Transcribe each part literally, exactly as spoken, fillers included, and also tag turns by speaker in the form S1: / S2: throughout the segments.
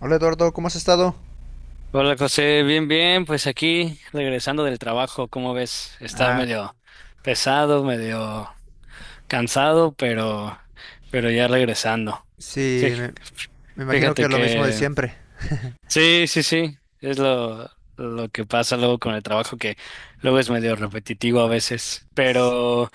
S1: Hola Eduardo, ¿cómo has estado?
S2: Hola José, bien, bien, pues aquí regresando del trabajo, ¿cómo ves? Estaba
S1: Ah,
S2: medio pesado, medio cansado, pero, pero ya regresando.
S1: sí,
S2: Fí-
S1: me, me imagino que
S2: Fíjate
S1: es lo mismo de
S2: que
S1: siempre.
S2: sí, sí, sí, es lo, lo que pasa luego con el trabajo, que luego es medio repetitivo a veces, pero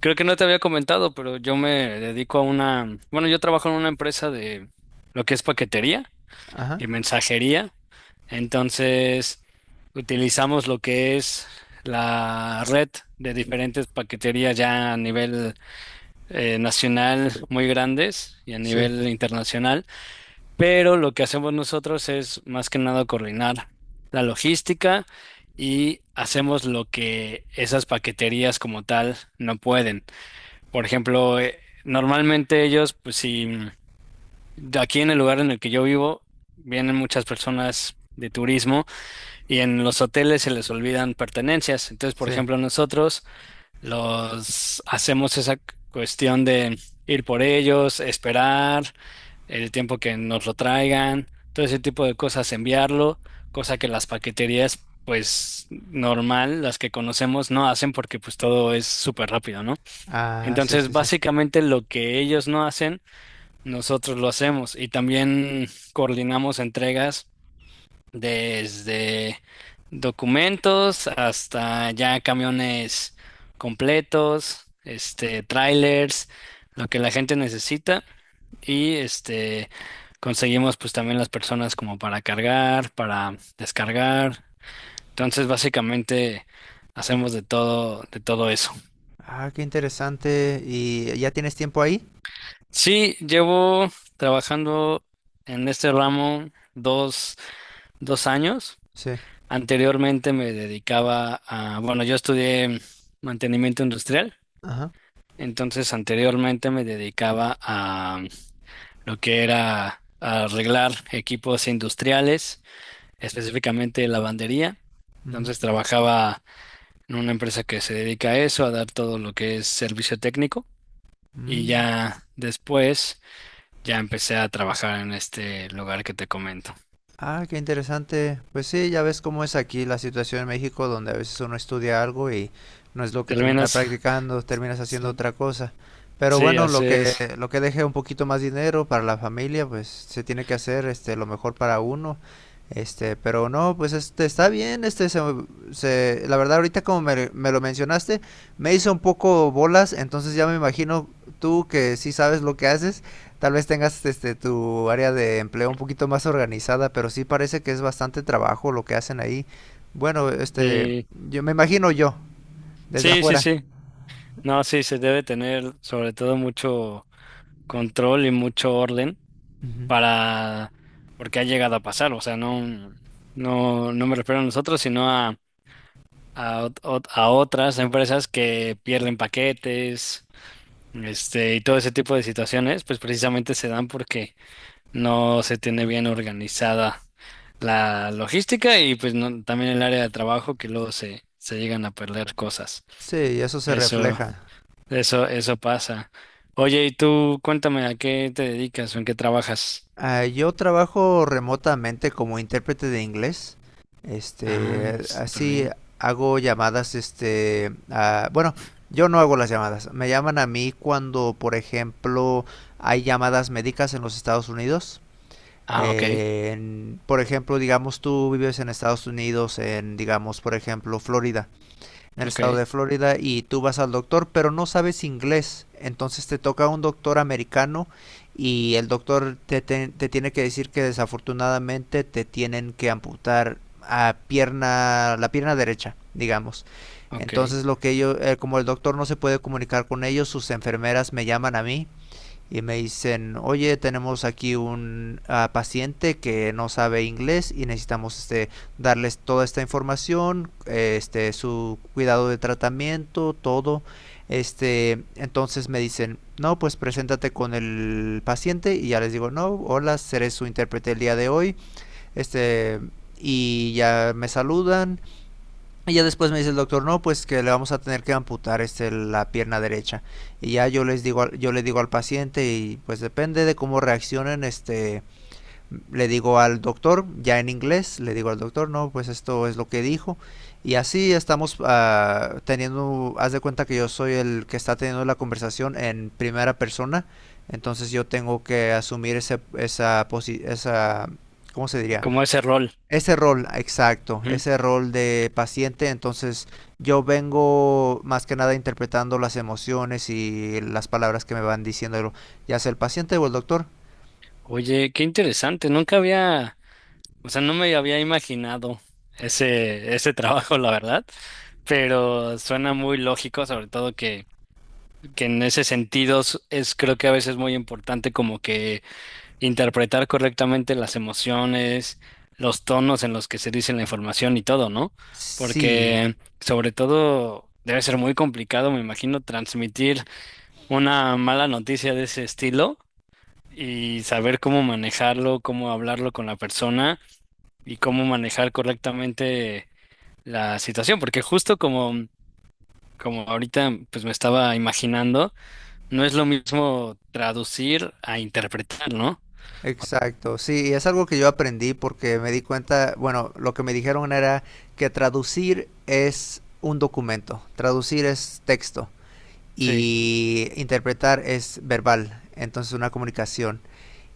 S2: creo que no te había comentado, pero yo me dedico a una, bueno, yo trabajo en una empresa de lo que es paquetería
S1: Ajá,
S2: y mensajería. Entonces, utilizamos lo que es la red de diferentes paqueterías ya a nivel eh, nacional muy grandes y a
S1: sí,
S2: nivel internacional, pero lo que hacemos nosotros es más que nada coordinar la logística y hacemos lo que esas paqueterías como tal no pueden. Por ejemplo, eh, normalmente ellos, pues si de aquí en el lugar en el que yo vivo, vienen muchas personas de turismo. Y en los hoteles se les olvidan pertenencias. Entonces, por
S1: sí.
S2: ejemplo, nosotros los hacemos esa cuestión de ir por ellos, esperar el tiempo que nos lo traigan, todo ese tipo de cosas, enviarlo, cosa que las paqueterías, pues normal, las que conocemos, no hacen porque pues todo es súper rápido, ¿no?
S1: Ah, sí,
S2: Entonces,
S1: sí, sí.
S2: básicamente lo que ellos no hacen, nosotros lo hacemos y también coordinamos entregas desde documentos hasta ya camiones completos, este, trailers, lo que la gente necesita y este conseguimos pues también las personas como para cargar, para descargar. Entonces, básicamente hacemos de todo, de todo eso.
S1: Ah, qué interesante. ¿Y ya tienes tiempo ahí?
S2: Sí, llevo trabajando en este ramo dos, dos años.
S1: Sí.
S2: Anteriormente me dedicaba a, bueno, yo estudié mantenimiento industrial,
S1: Ajá.
S2: entonces anteriormente me dedicaba a lo que era arreglar equipos industriales, específicamente lavandería.
S1: Ujú.
S2: Entonces trabajaba en una empresa que se dedica a eso, a dar todo lo que es servicio técnico. Y
S1: Mm.
S2: ya después, ya empecé a trabajar en este lugar que te comento.
S1: Ah, qué interesante. Pues sí, ya ves cómo es aquí la situación en México, donde a veces uno estudia algo y no es lo que termina
S2: ¿Terminas?
S1: practicando, terminas haciendo
S2: Sí,
S1: otra cosa. Pero
S2: sí,
S1: bueno, lo
S2: así
S1: que
S2: es.
S1: lo que deje un poquito más dinero para la familia, pues se tiene que hacer este lo mejor para uno. Este, pero no, pues este está bien, este se, se- la verdad ahorita como me, me lo mencionaste, me hizo un poco bolas, entonces ya me imagino tú que sí sabes lo que haces. Tal vez tengas este tu área de empleo un poquito más organizada, pero sí parece que es bastante trabajo lo que hacen ahí. Bueno, este,
S2: Sí,
S1: yo me imagino yo, desde
S2: sí, sí,
S1: afuera.
S2: sí. No, sí, se debe tener sobre todo mucho control y mucho orden
S1: Ujú.
S2: para, porque ha llegado a pasar, o sea, no, no, no me refiero a nosotros, sino a, a, ot- ot- a otras empresas que pierden paquetes, este, y todo ese tipo de situaciones, pues precisamente se dan porque no se tiene bien organizada la logística y pues no- también el área de trabajo que luego se, se llegan a perder cosas.
S1: Sí, eso se
S2: Eso.
S1: refleja.
S2: Eso, eso pasa. Oye, y tú cuéntame a qué te dedicas o en qué trabajas.
S1: Ah, yo trabajo remotamente como intérprete de inglés.
S2: Ah,
S1: Este,
S2: súper
S1: así
S2: bien.
S1: hago llamadas, este, a- bueno, yo no hago las llamadas. Me llaman a mí cuando, por ejemplo, hay llamadas médicas en los Estados Unidos.
S2: Ah, ok,
S1: Eh, en- por ejemplo, digamos tú vives en Estados Unidos, en, digamos, por ejemplo, Florida, en el
S2: ok,
S1: estado de Florida, y tú vas al doctor, pero no sabes inglés. Entonces te toca un doctor americano y el doctor te, te- te tiene que decir que desafortunadamente te tienen que amputar a pierna, la pierna derecha, digamos.
S2: ok.
S1: Entonces lo que ellos, eh, como el doctor no se puede comunicar con ellos, sus enfermeras me llaman a mí y me dicen, oye, tenemos aquí un ah, paciente que no sabe inglés y necesitamos este, darles toda esta información, eh, este, su cuidado de tratamiento, todo. Este, entonces me dicen, no, pues preséntate con el paciente y ya les digo, no, hola, seré su intérprete el día de hoy. Este, y ya me saludan y ya después me dice el doctor, no, pues que le vamos a tener que amputar este la pierna derecha. Y ya yo les digo, yo le digo al paciente y pues depende de cómo reaccionen, este, le digo al doctor, ya en inglés, le digo al doctor, no, pues esto es lo que dijo. Y así estamos ah, teniendo, haz de cuenta que yo soy el que está teniendo la conversación en primera persona, entonces yo tengo que asumir ese, esa, posi- esa, ¿cómo se diría?
S2: Como ese rol.
S1: Ese rol, exacto,
S2: Ujú.
S1: ese rol de paciente, entonces yo vengo más que nada interpretando las emociones y las palabras que me van diciendo, ya sea el paciente o el doctor.
S2: Oye, qué interesante. Nunca había, o sea, no me había imaginado ese, ese trabajo, la verdad. Pero suena muy lógico, sobre todo que, que en ese sentido es es creo que a veces muy importante como que interpretar correctamente las emociones, los tonos en los que se dice la información y todo, ¿no?
S1: Sí,
S2: Porque sobre todo debe ser muy complicado, me imagino, transmitir una mala noticia de ese estilo y saber cómo manejarlo, cómo hablarlo con la persona y cómo manejar correctamente la situación, porque justo como como ahorita pues me estaba imaginando, no es lo mismo traducir a interpretar, ¿no?
S1: exacto, sí, y es algo que yo aprendí porque me di cuenta, bueno, lo que me dijeron era que traducir es un documento, traducir es texto
S2: Sí,
S1: y interpretar es verbal, entonces una comunicación.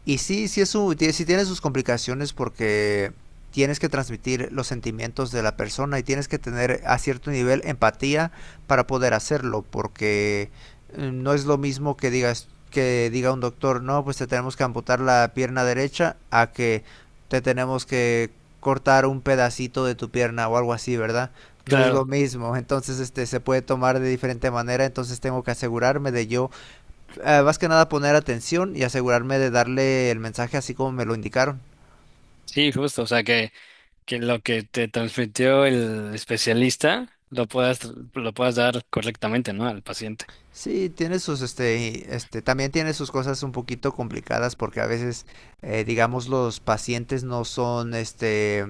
S1: Y sí, sí, es un, sí tiene sus complicaciones porque tienes que transmitir los sentimientos de la persona y tienes que tener a cierto nivel empatía para poder hacerlo, porque eh, no es lo mismo que digas que diga un doctor, no, pues te tenemos que amputar la pierna derecha a que te tenemos que cortar un pedacito de tu pierna o algo así, ¿verdad? No es lo
S2: claro.
S1: mismo, entonces este se puede tomar de diferente manera, entonces tengo que asegurarme de yo eh, más que nada poner atención y asegurarme de darle el mensaje así como me lo indicaron.
S2: Sí, justo, o sea que, que lo que te transmitió el especialista lo puedas, lo puedas dar correctamente, ¿no? Al paciente.
S1: Sí, tiene sus, este, este, también tiene sus cosas un poquito complicadas porque a veces, eh, digamos, los pacientes no son, este,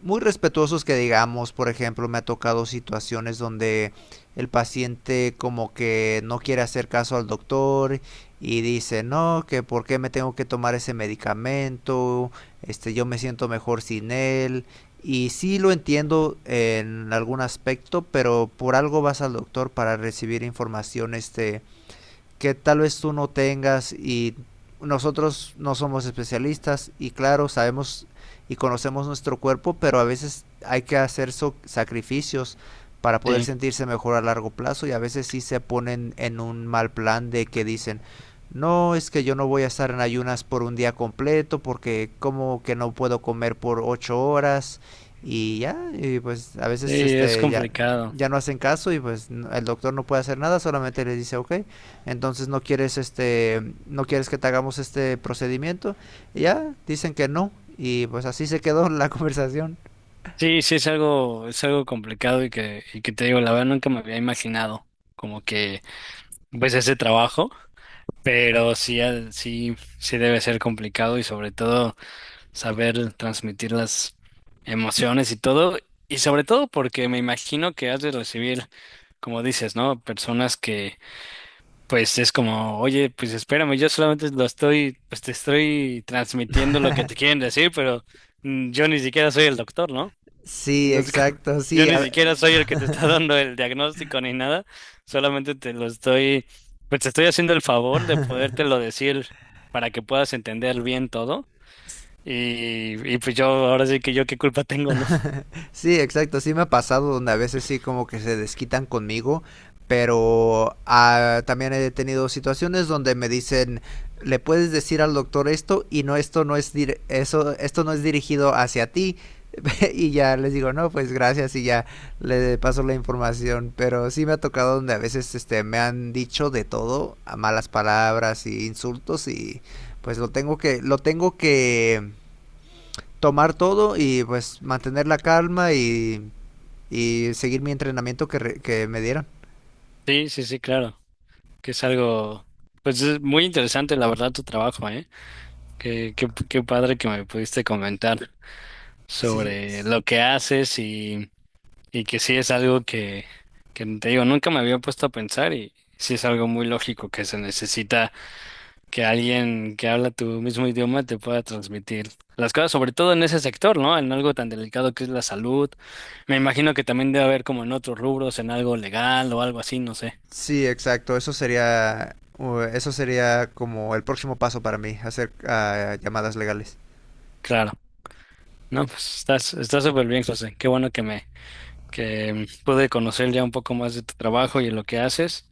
S1: muy respetuosos que digamos, por ejemplo, me ha tocado situaciones donde el paciente como que no quiere hacer caso al doctor y dice, no, que por qué me tengo que tomar ese medicamento, este, yo me siento mejor sin él. Y sí lo entiendo en algún aspecto, pero por algo vas al doctor para recibir información este, que tal vez tú no tengas y nosotros no somos especialistas y claro, sabemos y conocemos nuestro cuerpo, pero a veces hay que hacer so sacrificios para poder
S2: Sí,
S1: sentirse mejor a largo plazo y a veces sí se ponen en un mal plan de que dicen, no, es que yo no voy a estar en ayunas por un día completo porque como que no puedo comer por ocho horas y ya, y pues a
S2: sí,
S1: veces
S2: es
S1: este ya,
S2: complicado.
S1: ya no hacen caso y pues n- el doctor no puede hacer nada, solamente les dice, ok, entonces no quieres este no quieres que te hagamos este procedimiento y ya dicen que no y pues así se quedó la conversación.
S2: Sí, sí, es algo, es algo complicado y que, y que te digo, la verdad nunca me había imaginado como que pues ese trabajo, pero sí, al- sí, sí debe ser complicado y sobre todo saber transmitir las emociones y todo, y sobre todo porque me imagino que has de recibir, como dices, ¿no? Personas que pues es como, oye, pues espérame, yo solamente lo estoy, pues te estoy transmitiendo lo que te quieren decir, pero mm, yo ni siquiera soy el doctor, ¿no?
S1: Sí,
S2: Entonces, como,
S1: exacto,
S2: yo
S1: sí.
S2: ni
S1: a-
S2: siquiera soy el que te está dando el diagnóstico ni nada, solamente te lo estoy, pues te estoy haciendo el favor de podértelo decir para que puedas entender bien todo. Y, y pues yo, ahora sí que yo qué culpa tengo, ¿no?
S1: Sí, exacto, sí me ha pasado donde a veces sí como que se desquitan conmigo, pero ah, también he tenido situaciones donde me dicen, le puedes decir al doctor esto y no esto no es dir- eso esto no es dirigido hacia ti y ya les digo, no, pues gracias y ya le paso la información, pero sí me ha tocado donde a veces este me han dicho de todo, a malas palabras y insultos y pues lo tengo que lo tengo que tomar todo y pues mantener la calma y y seguir mi entrenamiento que, re- que me dieron.
S2: Sí, sí, sí, claro, que es algo, pues es muy interesante, la verdad, tu trabajo, ¿eh? Qué, qué, qué padre que me pudiste comentar
S1: Sí,
S2: sobre
S1: sí.
S2: lo que haces y, y que sí es algo que, que te digo, nunca me había puesto a pensar y sí es algo muy lógico que se necesita que alguien que habla tu mismo idioma te pueda transmitir las cosas, sobre todo en ese sector, ¿no? En algo tan delicado que es la salud. Me imagino que también debe haber como en otros rubros, en algo legal o algo así, no sé.
S1: Sí, exacto. Eso sería, uh, eso sería como el próximo paso para mí, hacer ah, llamadas legales.
S2: Claro. No, pues estás, estás súper bien, José. Qué bueno que me que mm, pude conocer ya un poco más de tu trabajo y de lo que haces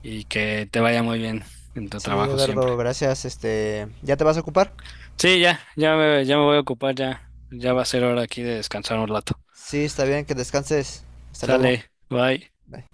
S2: y que te vaya muy bien en tu
S1: Sí,
S2: trabajo siempre.
S1: Eduardo, gracias. Este, ¿ya te vas a ocupar?
S2: Sí, ya, ya me, ya me voy a ocupar, ya, ya va a ser hora aquí de descansar un rato.
S1: Sí, está bien, que descanses. Hasta luego.
S2: Sale, bye.
S1: Bye.